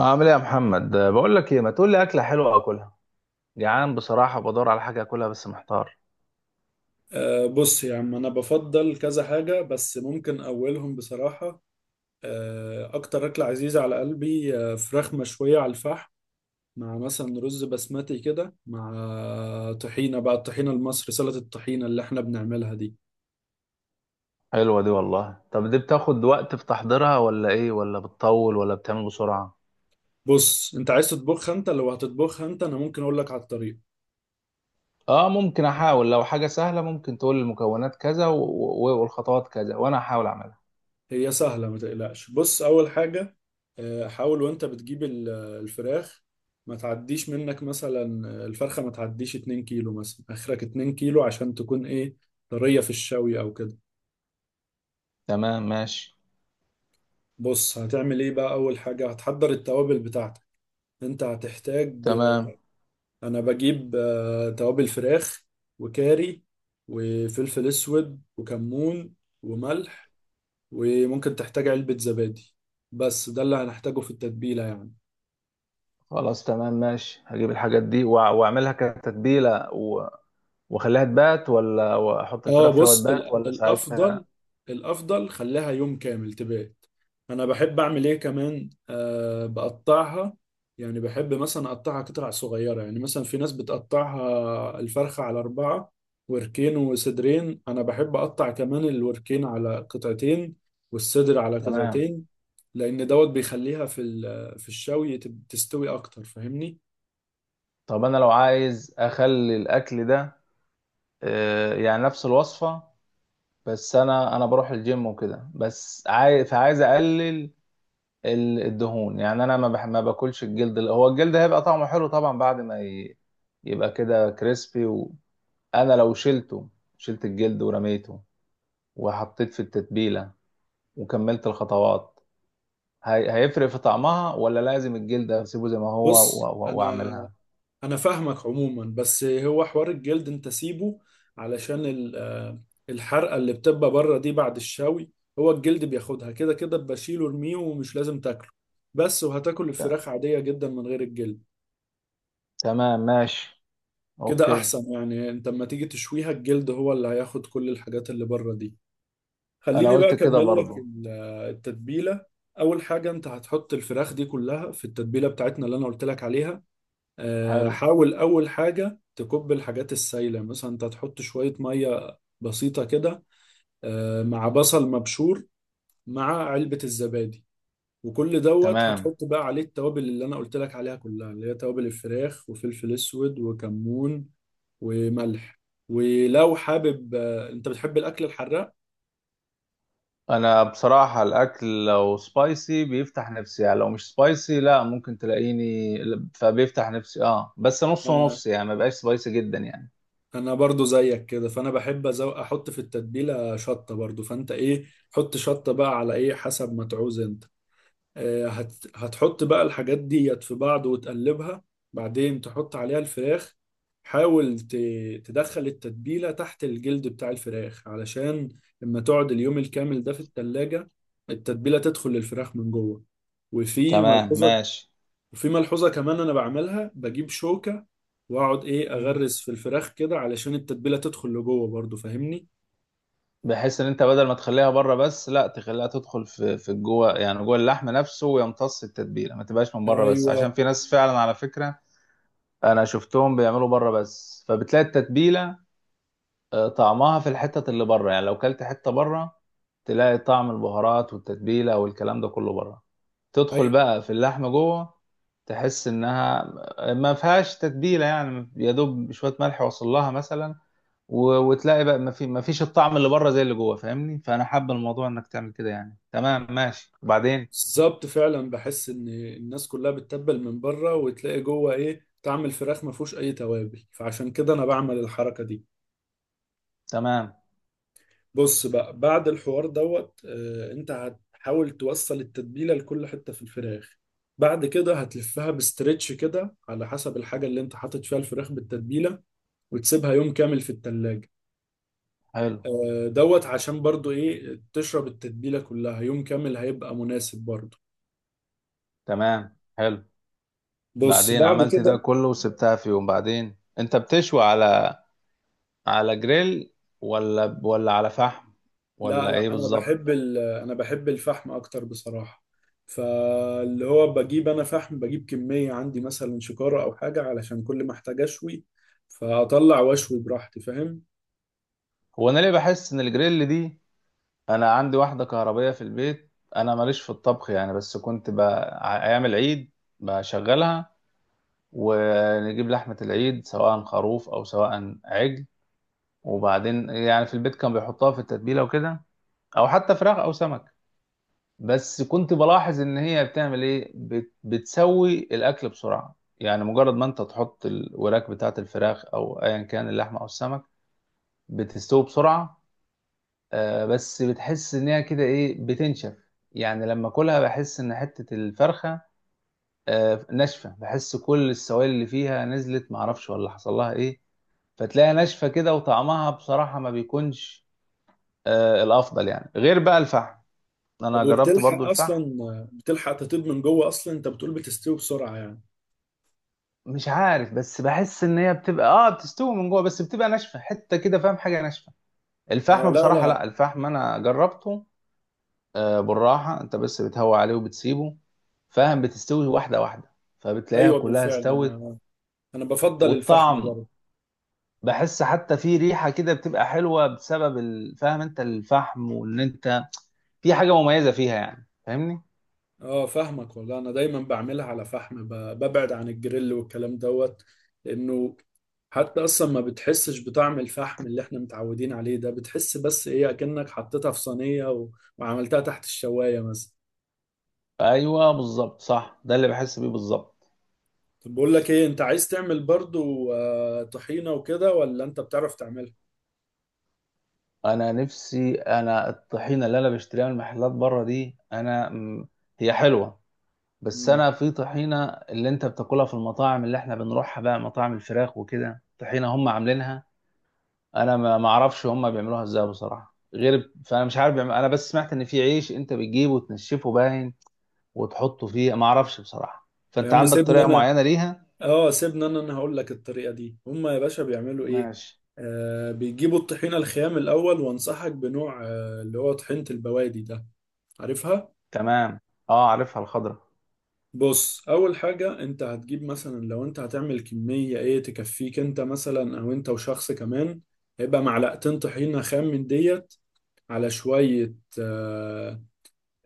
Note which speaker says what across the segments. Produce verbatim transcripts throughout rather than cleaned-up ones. Speaker 1: عامل ايه يا محمد أه، بقول لك ايه؟ ما تقول لي اكله حلوه اكلها. جعان بصراحه، بدور على حاجه اكلها بس محتار.
Speaker 2: أه بص يا عم، أنا بفضل كذا حاجة بس ممكن أولهم بصراحة. أه أكتر أكلة عزيزة على قلبي، أه فراخ مشوية على الفحم مع مثلا رز بسمتي كده، مع طحينة بقى، الطحينة المصري سلطة الطحينة اللي احنا بنعملها دي.
Speaker 1: حلوه دي والله. طب دي بتاخد وقت في تحضيرها ولا ايه؟ ولا بتطول ولا بتعمل بسرعه؟
Speaker 2: بص أنت عايز تطبخها؟ أنت لو هتطبخها أنت، أنا ممكن أقول لك على الطريقة.
Speaker 1: اه ممكن احاول. لو حاجه سهله ممكن تقول لي المكونات كذا و... و... والخطوات كذا، وانا هحاول اعملها.
Speaker 2: هي سهلة ما تقلقش. بص أول حاجة، آه، حاول وأنت بتجيب ال- الفراخ، ما تعديش منك مثلا، آه، الفرخة ما تعديش 2 كيلو مثلا، آخرك 2 كيلو عشان تكون إيه، طرية في الشوي أو كده.
Speaker 1: تمام ماشي.
Speaker 2: بص هتعمل إيه بقى؟ أول حاجة هتحضر التوابل بتاعتك. أنت هتحتاج آه،
Speaker 1: تمام.
Speaker 2: أنا بجيب آه، توابل فراخ، وكاري، وفلفل أسود، وكمون، وملح. وممكن تحتاج علبة زبادي. بس ده اللي هنحتاجه في التتبيلة يعني.
Speaker 1: خلاص تمام ماشي، هجيب الحاجات دي وأع- واعملها كتتبيله و... واخليها تبات، ولا احط
Speaker 2: اه
Speaker 1: الفراخ فيها
Speaker 2: بص،
Speaker 1: وتبات،
Speaker 2: ال-
Speaker 1: ولا
Speaker 2: الافضل
Speaker 1: ساعتها؟
Speaker 2: الافضل خليها يوم كامل تبات. انا بحب اعمل ايه كمان، آه بقطعها، يعني بحب مثلا اقطعها قطع صغيره. يعني مثلا في ناس بتقطعها الفرخه على اربعه، وركين وصدرين. انا بحب اقطع كمان الوركين على قطعتين والصدر على
Speaker 1: تمام.
Speaker 2: قطعتين. لان دوت بيخليها في ال- في الشوي تب- تستوي اكتر، فاهمني.
Speaker 1: طب انا لو عايز اخلي الاكل ده، آه، يعني نفس الوصفه، بس انا انا بروح الجيم وكده، بس عايز، فعايز اقلل ال- الدهون. يعني انا ما بح- ما باكلش الجلد. ال- هو الجلد هيبقى طعمه حلو طبعا بعد ما ي- يبقى كده كريسبي. وانا لو شلته، شلت الجلد ورميته، وحطيت في التتبيله، وكملت الخطوات، هي- هيفرق في طعمها ولا لازم الجلد اسيبه زي ما هو و-
Speaker 2: بص،
Speaker 1: و-
Speaker 2: انا
Speaker 1: واعملها؟
Speaker 2: انا فاهمك عموما، بس هو حوار الجلد انت سيبه علشان ال- آه، الحرقه اللي بتبقى بره دي بعد الشوي، هو الجلد بياخدها كده كده. بشيله ارميه، ومش لازم تاكله. بس وهتاكل
Speaker 1: ت-
Speaker 2: الفراخ عاديه جدا من غير الجلد.
Speaker 1: تمام ماشي.
Speaker 2: كده
Speaker 1: اوكي.
Speaker 2: احسن يعني، انت لما تيجي تشويها الجلد هو اللي هياخد كل الحاجات اللي بره دي.
Speaker 1: انا
Speaker 2: خليني بقى
Speaker 1: قلت كده
Speaker 2: اكمل لك
Speaker 1: برضو.
Speaker 2: ال- آه، التتبيله. اول حاجه انت هتحط الفراخ دي كلها في التتبيله بتاعتنا اللي انا قلت لك عليها. آه،
Speaker 1: حلو.
Speaker 2: حاول أول حاجة تكب الحاجات السايلة، مثلا أنت تحط شوية مية بسيطة كده، آه، مع بصل مبشور، مع علبة الزبادي. وكل دوت
Speaker 1: تمام.
Speaker 2: هتحط بقى عليه التوابل اللي أنا قلت لك عليها كلها، اللي هي توابل الفراخ، وفلفل أسود، وكمون، وملح. ولو حابب، آه، أنت بتحب الأكل الحراق،
Speaker 1: انا بصراحة الاكل لو سبايسي بيفتح نفسي. يعني لو مش سبايسي لا، ممكن تلاقيني، فبيفتح نفسي اه، بس نص
Speaker 2: أنا
Speaker 1: ونص يعني، ما بقاش سبايسي جدا يعني.
Speaker 2: أنا برضو زيك كده، فأنا بحب أزو... أحط في التتبيلة شطة برضو. فأنت إيه، حط شطة بقى على إيه حسب ما تعوز أنت. آه، هت... هتحط بقى الحاجات ديت في بعض وتقلبها، بعدين تحط عليها الفراخ. حاول ت... تدخل التتبيلة تحت الجلد بتاع الفراخ، علشان لما تقعد اليوم الكامل ده في التلاجة التتبيلة تدخل للفراخ من جوه. وفي
Speaker 1: تمام
Speaker 2: ملحوظة
Speaker 1: ماشي.
Speaker 2: وفي ملحوظة كمان، أنا بعملها بجيب شوكة وأقعد إيه
Speaker 1: مم.
Speaker 2: أغرز في الفراخ كده، علشان التتبيلة تدخل لجوه برضو، فاهمني؟
Speaker 1: بحيث ان انت بدل ما تخليها بره بس، لا تخليها تدخل في في جوه، يعني جوه اللحم نفسه، ويمتص التتبيله، ما تبقاش من بره بس. عشان
Speaker 2: ايوه.
Speaker 1: في ناس فعلا على فكره، انا شفتهم بيعملوا بره بس، فبتلاقي التتبيله آه، طعمها في الحتة اللي بره. يعني لو كلت حتة بره، تلاقي طعم البهارات والتتبيلة والكلام ده كله بره. تدخل
Speaker 2: ايوه
Speaker 1: بقى في اللحمة جوه، تحس انها ما فيهاش تتبيلة، يعني يا دوب شوية ملح وصل لها مثلا. و- وتلاقي بقى ما في ما فيش الطعم اللي بره زي اللي جوه، فاهمني؟ فانا حابب الموضوع انك تعمل كده يعني. تمام ماشي وبعدين.
Speaker 2: بالظبط، فعلا بحس ان الناس كلها بتتبل من بره، وتلاقي جوه ايه طعم الفراخ ما فيهوش اي توابل، فعشان كده انا بعمل الحركه دي.
Speaker 1: تمام
Speaker 2: بص بقى، بعد الحوار دوت آه، انت هتحاول توصل التتبيله لكل حته في الفراخ. بعد كده هتلفها بستريتش كده، على حسب الحاجه اللي انت حاطط فيها الفراخ بالتتبيله، وتسيبها يوم كامل في التلاجة.
Speaker 1: حلو.
Speaker 2: آه، دوت عشان برضو ايه تشرب التتبيله كلها، يوم كامل هيبقى مناسب برضو.
Speaker 1: تمام حلو.
Speaker 2: بص
Speaker 1: بعدين
Speaker 2: بعد
Speaker 1: عملت ده
Speaker 2: كده.
Speaker 1: كله وسبتها في يوم، بعدين انت بتشوي على على جريل ولا ولا على فحم،
Speaker 2: لا
Speaker 1: ولا ايه
Speaker 2: لا، انا
Speaker 1: بالظبط؟
Speaker 2: بحب ال... انا بحب الفحم اكتر بصراحه. فاللي هو بجيب انا فحم، بجيب كميه عندي مثلا شكاره او حاجه، علشان كل ما احتاج اشوي، فاطلع واشوي براحتي، فاهم.
Speaker 1: هو انا ليه بحس ان الجريل دي، انا عندي واحده كهربائيه في البيت، انا ماليش في الطبخ يعني، بس كنت ب... ع- ايام العيد بشغلها، ونجيب لحمه العيد سواء خروف او سواء عجل، وبعدين يعني في البيت كان بيحطها في التتبيله وكده، او حتى فراخ او سمك. بس كنت بلاحظ ان هي بتعمل ايه، بت... بتسوي الاكل بسرعه. يعني مجرد ما انت تحط الوراك بتاعه الفراخ او ايا كان اللحمه او السمك، بتستوي بسرعه. آه بس بتحس ان هي كده ايه، بتنشف. يعني لما اكلها بحس ان حته الفرخه آه ناشفه، بحس كل السوائل اللي فيها نزلت، معرفش ولا حصل لها ايه، فتلاقيها ناشفه كده، وطعمها بصراحه ما بيكونش آه الافضل، يعني غير بقى الفحم.
Speaker 2: طب
Speaker 1: انا جربت
Speaker 2: وبتلحق
Speaker 1: برضو
Speaker 2: اصلا
Speaker 1: الفحم.
Speaker 2: بتلحق تطيب من جوه اصلا؟ انت بتقول بتستوي بسرعه يعني.
Speaker 1: مش عارف، بس بحس ان هي بتبقى اه بتستوي من جوه بس بتبقى ناشفه حته كده، فاهم؟ حاجه ناشفه.
Speaker 2: اه،
Speaker 1: الفحم
Speaker 2: لا
Speaker 1: بصراحه
Speaker 2: لا.
Speaker 1: لا، الفحم انا جربته، آه بالراحه انت بس بتهوي عليه وبتسيبه، فاهم؟ بتستوي واحده واحده، فبتلاقيها
Speaker 2: ايوه
Speaker 1: كلها
Speaker 2: بالفعل،
Speaker 1: استوت.
Speaker 2: انا انا بفضل الفحم
Speaker 1: والطعم،
Speaker 2: برضه.
Speaker 1: بحس حتى في ريحه كده بتبقى حلوه بسبب ال- فاهم انت الفحم؟ وان انت في حاجه مميزه فيها يعني، فاهمني؟
Speaker 2: اه فاهمك والله، انا دايما بعملها على فحم، ب- ببعد عن الجريل والكلام دوت، لانه حتى اصلا ما بتحسش بطعم الفحم اللي احنا متعودين عليه ده، بتحس بس ايه اكنك حطيتها في صينية و- وعملتها تحت الشواية مثلا.
Speaker 1: ايوه بالظبط، صح، ده اللي بحس بيه بالظبط.
Speaker 2: طب بقول لك ايه، انت عايز تعمل برضو آه، طحينة وكده ولا انت بتعرف تعملها؟
Speaker 1: انا نفسي، انا الطحينه اللي انا بشتريها من المحلات بره دي انا م- هي حلوه، بس
Speaker 2: امم
Speaker 1: انا في طحينه اللي انت بتاكلها في المطاعم اللي احنا بنروحها بقى، مطاعم الفراخ وكده، طحينه هم عاملينها، انا ما ما اعرفش هم بيعملوها ازاي بصراحه غير. فانا مش عارف بيعمل... انا بس سمعت ان في عيش انت بتجيبه وتنشفه باين، وتحطه فيه، ما اعرفش بصراحه،
Speaker 2: يا
Speaker 1: فانت
Speaker 2: عم
Speaker 1: عندك
Speaker 2: سيبني
Speaker 1: طريقه
Speaker 2: انا،
Speaker 1: معينه ليها؟
Speaker 2: اه سيبني انا انا هقول لك الطريقة دي هما يا باشا بيعملوا ايه.
Speaker 1: ماشي.
Speaker 2: آه بيجيبوا الطحينة الخام الاول، وانصحك بنوع آه اللي هو طحينة البوادي ده، عارفها.
Speaker 1: تمام. اه عارفها الخضره.
Speaker 2: بص اول حاجة انت هتجيب مثلا لو انت هتعمل كمية ايه تكفيك انت مثلا، او انت وشخص كمان، هيبقى معلقتين طحينة خام من ديت على شوية آه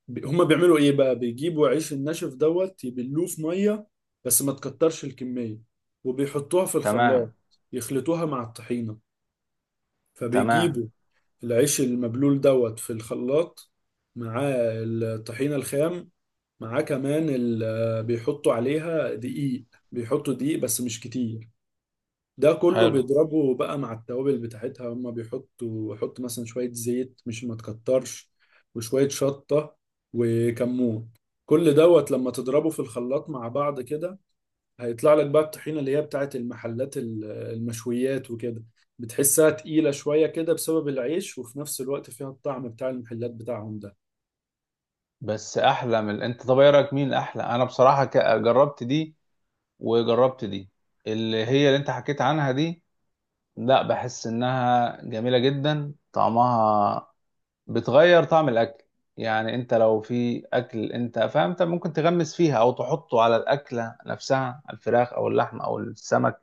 Speaker 2: بي- هما بيعملوا ايه بقى، بيجيبوا عيش الناشف دوت يبلوه في مية، بس ما تكترش الكمية، وبيحطوها في الخلاط
Speaker 1: تمام.
Speaker 2: يخلطوها مع الطحينة.
Speaker 1: تمام
Speaker 2: فبيجيبوا العيش المبلول دوت في الخلاط مع الطحينة الخام، مع كمان ال- بيحطوا عليها دقيق، بيحطوا دقيق بس مش كتير. ده كله
Speaker 1: حلو.
Speaker 2: بيضربه بقى مع التوابل بتاعتها، هما بيحطوا يحط مثلا شوية زيت، مش ما تكترش، وشوية شطة وكمون. كل دوت لما تضربه في الخلاط مع بعض كده، هيطلع لك بقى الطحينة اللي هي بتاعت المحلات ال- المشويات وكده. بتحسها تقيلة شوية كده بسبب العيش، وفي نفس الوقت فيها الطعم بتاع المحلات بتاعهم ده.
Speaker 1: بس احلى من انت. طب ايه رايك مين احلى؟ انا بصراحه ك- جربت دي وجربت دي اللي هي اللي انت حكيت عنها دي. لا بحس انها جميله جدا طعمها، بتغير طعم الاكل. يعني انت لو في اكل انت فاهم، انت ممكن تغمس فيها او تحطه على الاكله نفسها، الفراخ او اللحمه او السمك،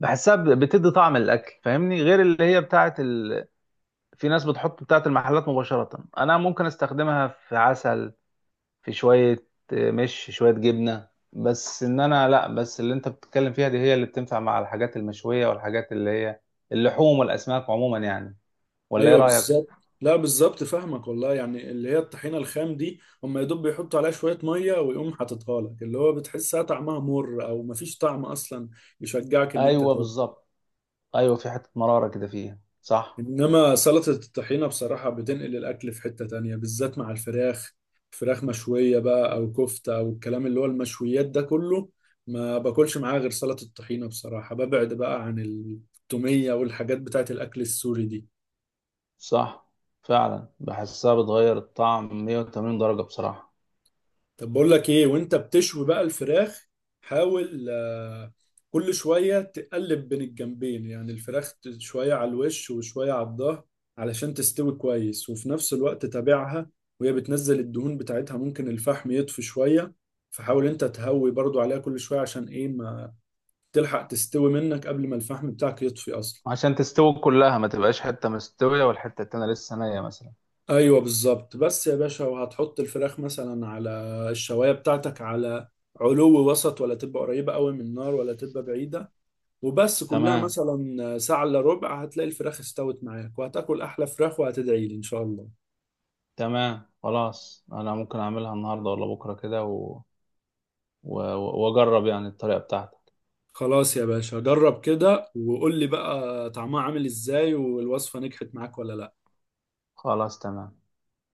Speaker 1: بحسها ب- بتدي طعم الاكل، فاهمني؟ غير اللي هي بتاعت ال... في ناس بتحط بتاعت المحلات مباشره. انا ممكن استخدمها في عسل، في شوية، مش شوية جبنة بس. ان انا لا، بس اللي انت بتتكلم فيها دي هي اللي بتنفع مع الحاجات المشوية، والحاجات اللي هي اللحوم والاسماك عموما يعني، ولا ايه
Speaker 2: ايوه
Speaker 1: رأيك؟
Speaker 2: بالظبط. لا بالظبط فاهمك والله، يعني اللي هي الطحينة الخام دي هم يا دوب بيحطوا عليها شوية مية ويقوم حاططها لك، اللي هو بتحسها طعمها مر او مفيش طعم اصلا، يشجعك ان انت.
Speaker 1: ايوه بالظبط. ايوه في حتة مرارة كده فيها صح.
Speaker 2: انما سلطة الطحينة بصراحة بتنقل الاكل في حتة تانية، بالذات مع الفراخ. فراخ مشوية بقى او كفتة، او الكلام اللي هو المشويات ده كله، ما باكلش معاه غير سلطة الطحينة بصراحة. ببعد بقى عن التومية والحاجات بتاعت الاكل السوري دي.
Speaker 1: صح فعلا، بحسها بتغير الطعم مية وتمانين درجة بصراحة.
Speaker 2: طب بقول لك ايه، وانت بتشوي بقى الفراخ، حاول آه، كل شوية تقلب بين الجنبين، يعني الفراخ ت- شوية على الوش وشوية على الظهر، علشان تستوي كويس. وفي نفس الوقت تابعها، وهي بتنزل الدهون بتاعتها ممكن الفحم يطفي شوية، فحاول انت تهوي برضو عليها كل شوية، عشان ايه، ما تلحق تستوي منك قبل ما الفحم بتاعك يطفي اصلا.
Speaker 1: عشان تستوي كلها ما تبقاش حتة مستوية والحتة التانية لسه نية مثلا.
Speaker 2: ايوه بالظبط، بس يا باشا وهتحط الفراخ مثلا على الشوايه بتاعتك، على علو وسط، ولا تبقى قريبه قوي من النار ولا تبقى بعيده. وبس كلها
Speaker 1: تمام.
Speaker 2: مثلا ساعه الا ربع، هتلاقي الفراخ استوت معاك، وهتاكل احلى فراخ وهتدعي لي ان شاء الله.
Speaker 1: تمام خلاص، انا ممكن اعملها النهاردة ولا بكرة كده و... و... واجرب يعني الطريقة بتاعتك.
Speaker 2: خلاص يا باشا، جرب كده وقول لي بقى طعمها عامل ازاي، والوصفه نجحت معاك ولا لا.
Speaker 1: خلاص تمام.